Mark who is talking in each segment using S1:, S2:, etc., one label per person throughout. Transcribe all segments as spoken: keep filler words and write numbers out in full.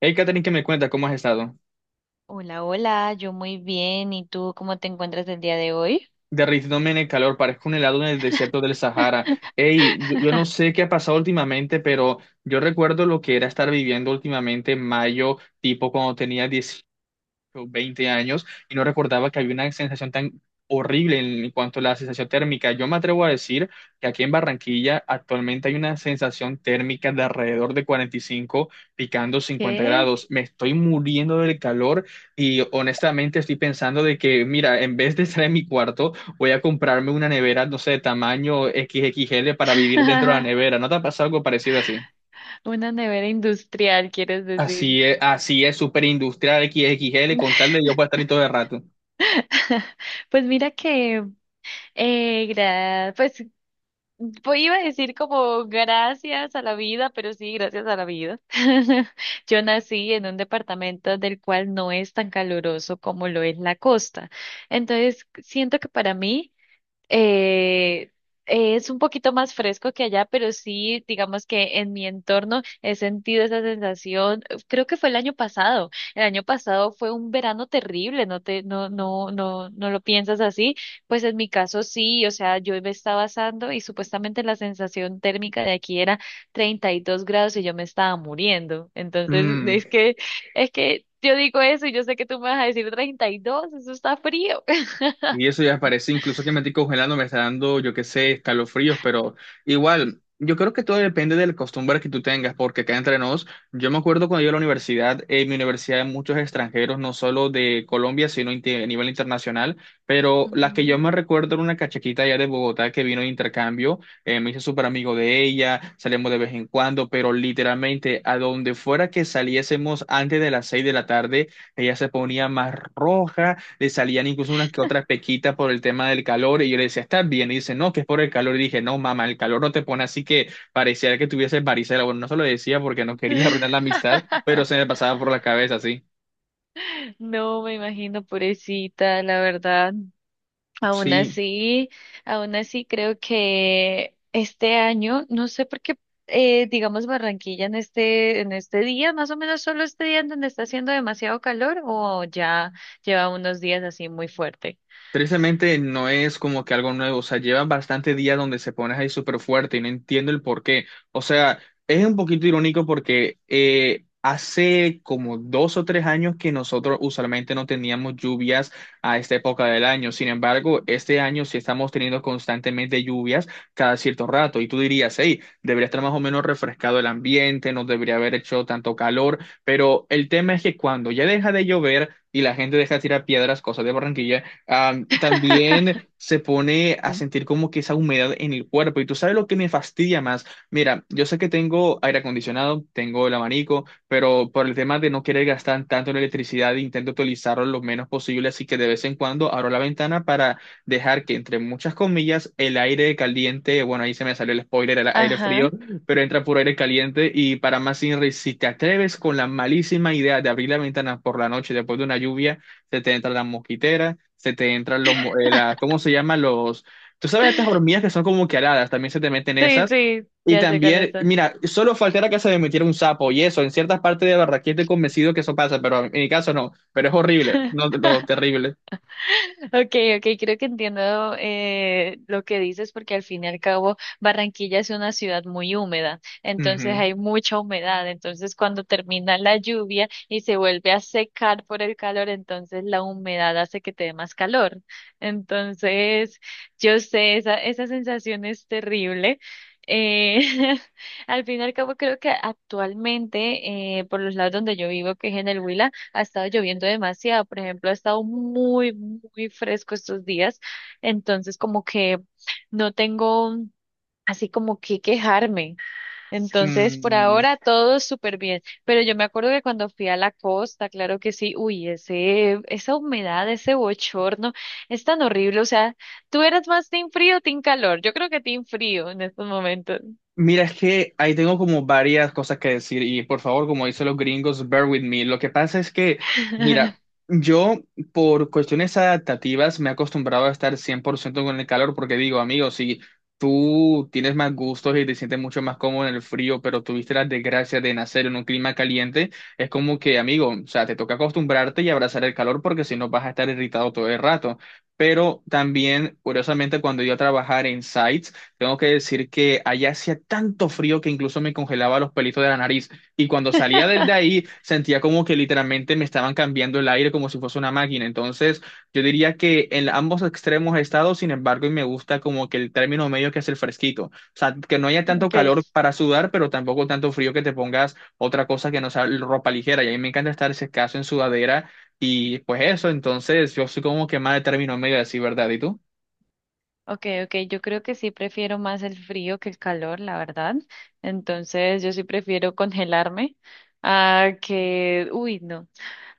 S1: Hey, Catherine, ¿que me cuenta? ¿Cómo has estado?
S2: Hola, hola, yo muy bien. ¿Y tú cómo te encuentras el día de hoy?
S1: Derritiéndome en el calor, parezco un helado en el desierto del Sahara. Hey, yo, yo no sé qué ha pasado últimamente, pero yo recuerdo lo que era estar viviendo últimamente en mayo, tipo cuando tenía o veinte años y no recordaba que había una sensación tan horrible en cuanto a la sensación térmica. Yo me atrevo a decir que aquí en Barranquilla actualmente hay una sensación térmica de alrededor de cuarenta y cinco picando cincuenta
S2: ¿Qué?
S1: grados. Me estoy muriendo del calor y honestamente estoy pensando de que, mira, en vez de estar en mi cuarto, voy a comprarme una nevera, no sé, de tamaño X X L para vivir dentro de la nevera. ¿No te ha pasado algo parecido así?
S2: Una nevera industrial, quieres decir.
S1: Así es, así es, súper industrial X X L con tal de yo poder estar ahí todo el rato.
S2: Pues mira que, eh, gra- pues pues iba a decir como gracias a la vida, pero sí, gracias a la vida. Yo nací en un departamento del cual no es tan caluroso como lo es la costa. Entonces, siento que para mí, eh, es un poquito más fresco que allá, pero sí, digamos que en mi entorno he sentido esa sensación. eh, Creo que fue el año pasado. El año pasado fue un verano terrible, no te, no, no, no, no lo piensas así. Pues en mi caso sí, o sea, yo me estaba asando y supuestamente la sensación térmica de aquí era treinta y dos grados y yo me estaba muriendo. Entonces,
S1: Mm.
S2: es que, es que yo digo eso y yo sé que tú me vas a decir treinta y dos, eso está frío.
S1: Y eso ya parece, incluso que me estoy congelando, me está dando, yo qué sé, escalofríos, pero igual, yo creo que todo depende de la costumbre que tú tengas, porque acá entre nos, yo me acuerdo cuando yo a la universidad, en mi universidad hay muchos extranjeros, no solo de Colombia, sino inte- a nivel internacional, pero la que yo me recuerdo era una cachaquita allá de Bogotá que vino de intercambio. Eh, me hice súper amigo de ella, salimos de vez en cuando, pero literalmente a donde fuera que saliésemos antes de las seis de la tarde, ella se ponía más roja, le salían incluso unas que otras pequitas por el tema del calor y yo le decía, ¿estás bien? Y dice, no, que es por el calor. Y dije, no, mamá, el calor no te pone así, que parecía que tuviese varicela. Bueno, no se lo decía porque no quería arruinar la amistad, pero se me pasaba por la cabeza, sí.
S2: No me imagino, pobrecita, la verdad. Aún
S1: Sí,
S2: así, aún así creo que este año, no sé por qué, eh, digamos Barranquilla en este, en este día, más o menos solo este día en donde está haciendo demasiado calor o ya lleva unos días así muy fuerte.
S1: tristemente no es como que algo nuevo, o sea, llevan bastante días donde se pones ahí súper fuerte y no entiendo el por qué. O sea, es un poquito irónico porque eh, hace como dos o tres años que nosotros usualmente no teníamos lluvias a esta época del año. Sin embargo, este año sí estamos teniendo constantemente lluvias cada cierto rato y tú dirías, hey, debería estar más o menos refrescado el ambiente, no debería haber hecho tanto calor, pero el tema es que cuando ya deja de llover. Y la gente deja de tirar piedras, cosas de Barranquilla, Am, también se pone a sentir como que esa humedad en el cuerpo. Y tú sabes lo que me fastidia más. Mira, yo sé que tengo aire acondicionado, tengo el abanico, pero por el tema de no querer gastar tanto en electricidad, intento utilizarlo lo menos posible. Así que de vez en cuando abro la ventana para dejar que, entre muchas comillas, el aire caliente, bueno, ahí se me salió el spoiler, el aire frío,
S2: Ajá,
S1: pero entra puro aire caliente. Y para más, Inri, si te atreves con la malísima idea de abrir la ventana por la noche después de una lluvia, se te entra la mosquitera, se te entran los, mo- eh, la- ¿cómo se llaman los? Tú sabes estas hormigas que son como que aladas, también se te meten
S2: sí,
S1: esas.
S2: sí,
S1: Y
S2: ya sé cuáles
S1: también,
S2: son.
S1: mira, solo faltara que se me metiera un sapo y eso, en ciertas partes de Barranquilla estoy convencido que eso pasa, pero en mi caso no, pero es horrible, no, no, terrible.
S2: Okay, okay, creo que entiendo eh, lo que dices, porque al fin y al cabo Barranquilla es una ciudad muy húmeda, entonces
S1: Ujú.
S2: hay mucha humedad, entonces cuando termina la lluvia y se vuelve a secar por el calor, entonces la humedad hace que te dé más calor. Entonces, yo sé, esa, esa sensación es terrible. Eh, Al fin y al cabo creo que actualmente, eh, por los lados donde yo vivo, que es en el Huila, ha estado lloviendo demasiado. Por ejemplo, ha estado muy, muy fresco estos días, entonces como que no tengo así como que quejarme. Entonces, por
S1: Mm.
S2: ahora todo súper bien, pero yo me acuerdo que cuando fui a la costa, claro que sí, uy, ese, esa humedad, ese bochorno es tan horrible, o sea, ¿tú eras más team frío o team calor? Yo creo que team frío en estos momentos.
S1: Mira, es que ahí tengo como varias cosas que decir y por favor, como dicen los gringos, bear with me. Lo que pasa es que, mira, yo por cuestiones adaptativas me he acostumbrado a estar cien por ciento con el calor porque digo, amigo, si tú tienes más gustos y te sientes mucho más cómodo en el frío, pero tuviste la desgracia de nacer en un clima caliente, es como que, amigo, o sea, te toca acostumbrarte y abrazar el calor porque si no vas a estar irritado todo el rato. Pero también, curiosamente, cuando yo a trabajar en sites, tengo que decir que allá hacía tanto frío que incluso me congelaba los pelitos de la nariz. Y cuando salía del de ahí, sentía como que literalmente me estaban cambiando el aire como si fuese una máquina. Entonces, yo diría que en ambos extremos he estado, sin embargo, y me gusta como que el término medio que es el fresquito. O sea, que no haya tanto calor
S2: Ok.
S1: para sudar, pero tampoco tanto frío que te pongas otra cosa que no sea ropa ligera. Y a mí me encanta estar ese caso en sudadera. Y pues eso, entonces, yo soy como que más de término medio, así, ¿verdad? ¿Y tú?
S2: Okay, okay, yo creo que sí prefiero más el frío que el calor, la verdad. Entonces, yo sí prefiero congelarme a que, uy, no,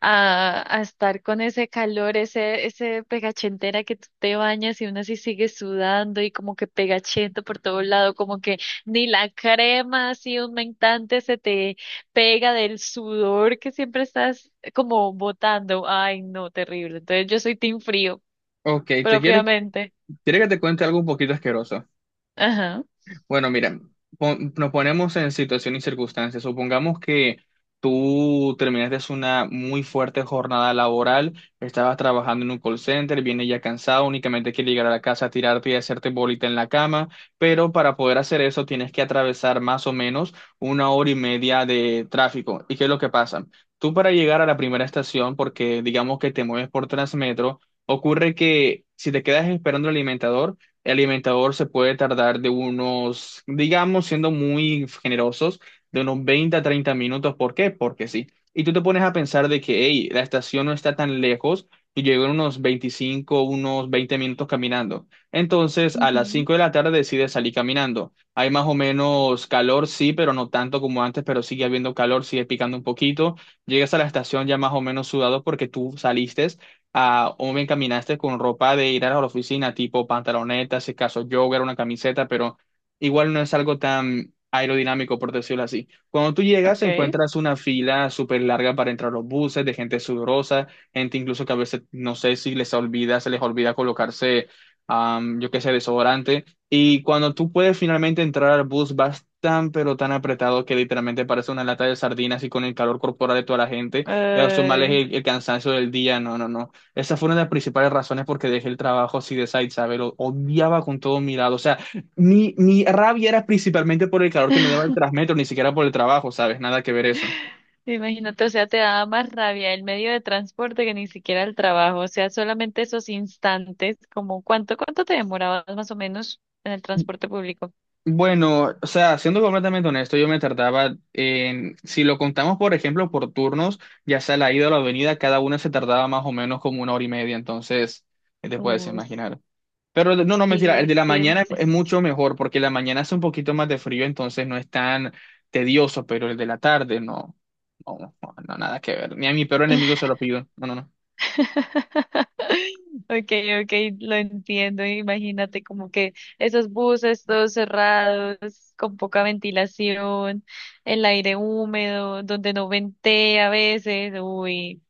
S2: a, a estar con ese calor, ese, ese pegachentera que tú te bañas y uno así sigue sudando y como que pegachento por todo lado, como que ni la crema así mentante se te pega del sudor que siempre estás como botando. Ay, no, terrible. Entonces, yo soy team frío,
S1: Ok, te quiero
S2: propiamente.
S1: quiero que te cuente algo un poquito asqueroso.
S2: Ajá.
S1: Bueno, mira, pon- nos ponemos en situación y circunstancias. Supongamos que tú terminaste una muy fuerte jornada laboral, estabas trabajando en un call center, vienes ya cansado, únicamente quieres llegar a la casa, tirarte y hacerte bolita en la cama, pero para poder hacer eso tienes que atravesar más o menos una hora y media de tráfico. ¿Y qué es lo que pasa? Tú para llegar a la primera estación, porque digamos que te mueves por Transmetro, ocurre que si te quedas esperando el alimentador, el alimentador se puede tardar de unos, digamos, siendo muy generosos, de unos veinte a treinta minutos. ¿Por qué? Porque sí. Y tú te pones a pensar de que, hey, la estación no está tan lejos y llego en unos veinticinco, unos veinte minutos caminando. Entonces, a las cinco de la tarde decides salir caminando. Hay más o menos calor, sí, pero no tanto como antes, pero sigue habiendo calor, sigue picando un poquito. Llegas a la estación ya más o menos sudado porque tú saliste a o bien caminaste con ropa de ir a la oficina, tipo pantaloneta, si acaso jogger, una camiseta, pero igual no es algo tan aerodinámico, por decirlo así. Cuando tú llegas,
S2: Ok. Ay.
S1: encuentras una fila súper larga para entrar a los buses, de gente sudorosa, gente incluso que a veces, no sé si les olvida, se les olvida colocarse, am, yo qué sé, desodorante. Y cuando tú puedes finalmente entrar al bus, vas tan, pero tan apretado que literalmente parece una lata de sardinas y con el calor corporal de toda la gente, y a los el, el cansancio del día, no, no, no. Esa fue una de las principales razones porque dejé el trabajo así de side, ¿sabes? Lo odiaba con todo mi lado. O sea, mi, mi rabia era principalmente por el calor que me daba el Transmetro, ni siquiera por el trabajo, ¿sabes? Nada que ver eso.
S2: Imagínate, o sea, te daba más rabia el medio de transporte que ni siquiera el trabajo, o sea, solamente esos instantes. ¿Como cuánto, cuánto te demorabas más o menos en el transporte público?
S1: Bueno, o sea, siendo completamente honesto, yo me tardaba en, si lo contamos, por ejemplo, por turnos, ya sea la ida o la venida, cada una se tardaba más o menos como una hora y media. Entonces, ¿qué te puedes
S2: Uy,
S1: imaginar? Pero el- no, no, mentira, el
S2: sí,
S1: de la
S2: sí.
S1: mañana es mucho mejor porque la mañana hace un poquito más de frío, entonces no es tan tedioso, pero el de la tarde no, no, no, no, nada que ver. Ni a mi peor enemigo se lo pido. No, no, no.
S2: Okay, okay, lo entiendo. Imagínate como que esos buses todos cerrados, con poca ventilación, el aire húmedo, donde no ventea a veces. Uy,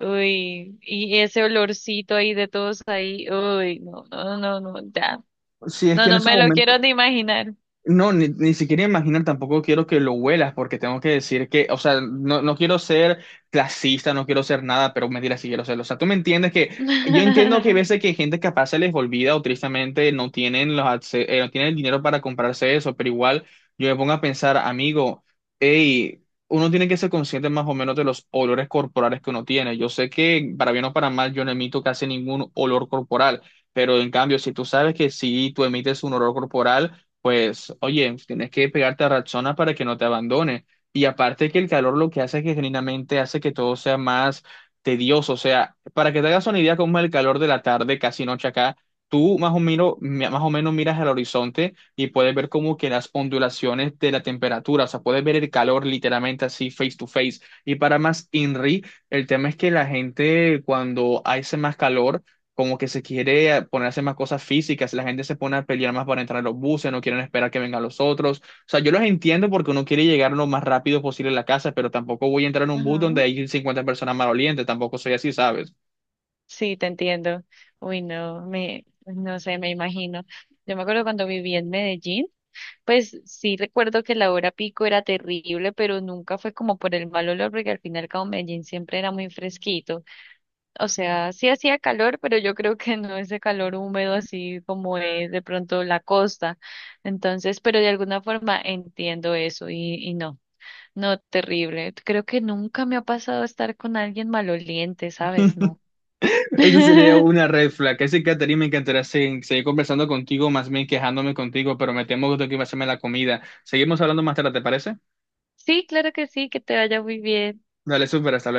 S2: uy, y ese olorcito ahí de todos ahí, uy, no, no, no, no, ya,
S1: Sí, es
S2: no,
S1: que en
S2: no
S1: esos
S2: me lo
S1: momentos.
S2: quiero ni imaginar.
S1: No, ni, ni siquiera imaginar, tampoco quiero que lo huelas, porque tengo que decir que, o sea, no, no quiero ser clasista, no quiero ser nada, pero mentira, sí quiero serlo. O sea, tú me entiendes que yo entiendo que hay veces que hay gente capaz se les olvida o tristemente no tienen los, acce- eh, no tienen el dinero para comprarse eso, pero igual yo me pongo a pensar, amigo, hey, uno tiene que ser consciente más o menos de los olores corporales que uno tiene. Yo sé que, para bien o para mal, yo no emito casi ningún olor corporal, pero en cambio, si tú sabes que si tú emites un olor corporal, pues, oye, tienes que pegarte a Rexona para que no te abandone. Y aparte que el calor lo que hace es que genuinamente hace que todo sea más tedioso. O sea, para que te hagas una idea cómo es el calor de la tarde, casi noche acá, tú más o menos, mi- más o menos miras al horizonte y puedes ver como que las ondulaciones de la temperatura, o sea, puedes ver el calor literalmente así face to face. Y para más INRI, el tema es que la gente cuando hace más calor como que se quiere ponerse más cosas físicas, la gente se pone a pelear más para entrar a los buses, no quieren esperar que vengan los otros. O sea, yo los entiendo porque uno quiere llegar lo más rápido posible a la casa, pero tampoco voy a entrar en un bus
S2: Ajá.
S1: donde hay cincuenta personas malolientes, tampoco soy así, ¿sabes?
S2: Sí, te entiendo. Uy, no, me, no sé, me imagino. Yo me acuerdo cuando viví en Medellín. Pues sí recuerdo que la hora pico era terrible, pero nunca fue como por el mal olor, porque al final como Medellín siempre era muy fresquito. O sea, sí hacía calor, pero yo creo que no ese calor húmedo así como es de pronto la costa. Entonces, pero de alguna forma entiendo eso, y, y no, no, terrible. Creo que nunca me ha pasado estar con alguien maloliente, ¿sabes? No.
S1: Eso sería una red flag. Ese Caterina me encantaría se- seguir conversando contigo, más bien quejándome contigo, pero me temo que tengo que ir a hacerme la comida. Seguimos hablando más tarde, ¿te parece?
S2: Sí, claro que sí, que te vaya muy bien.
S1: Dale, súper, hasta luego.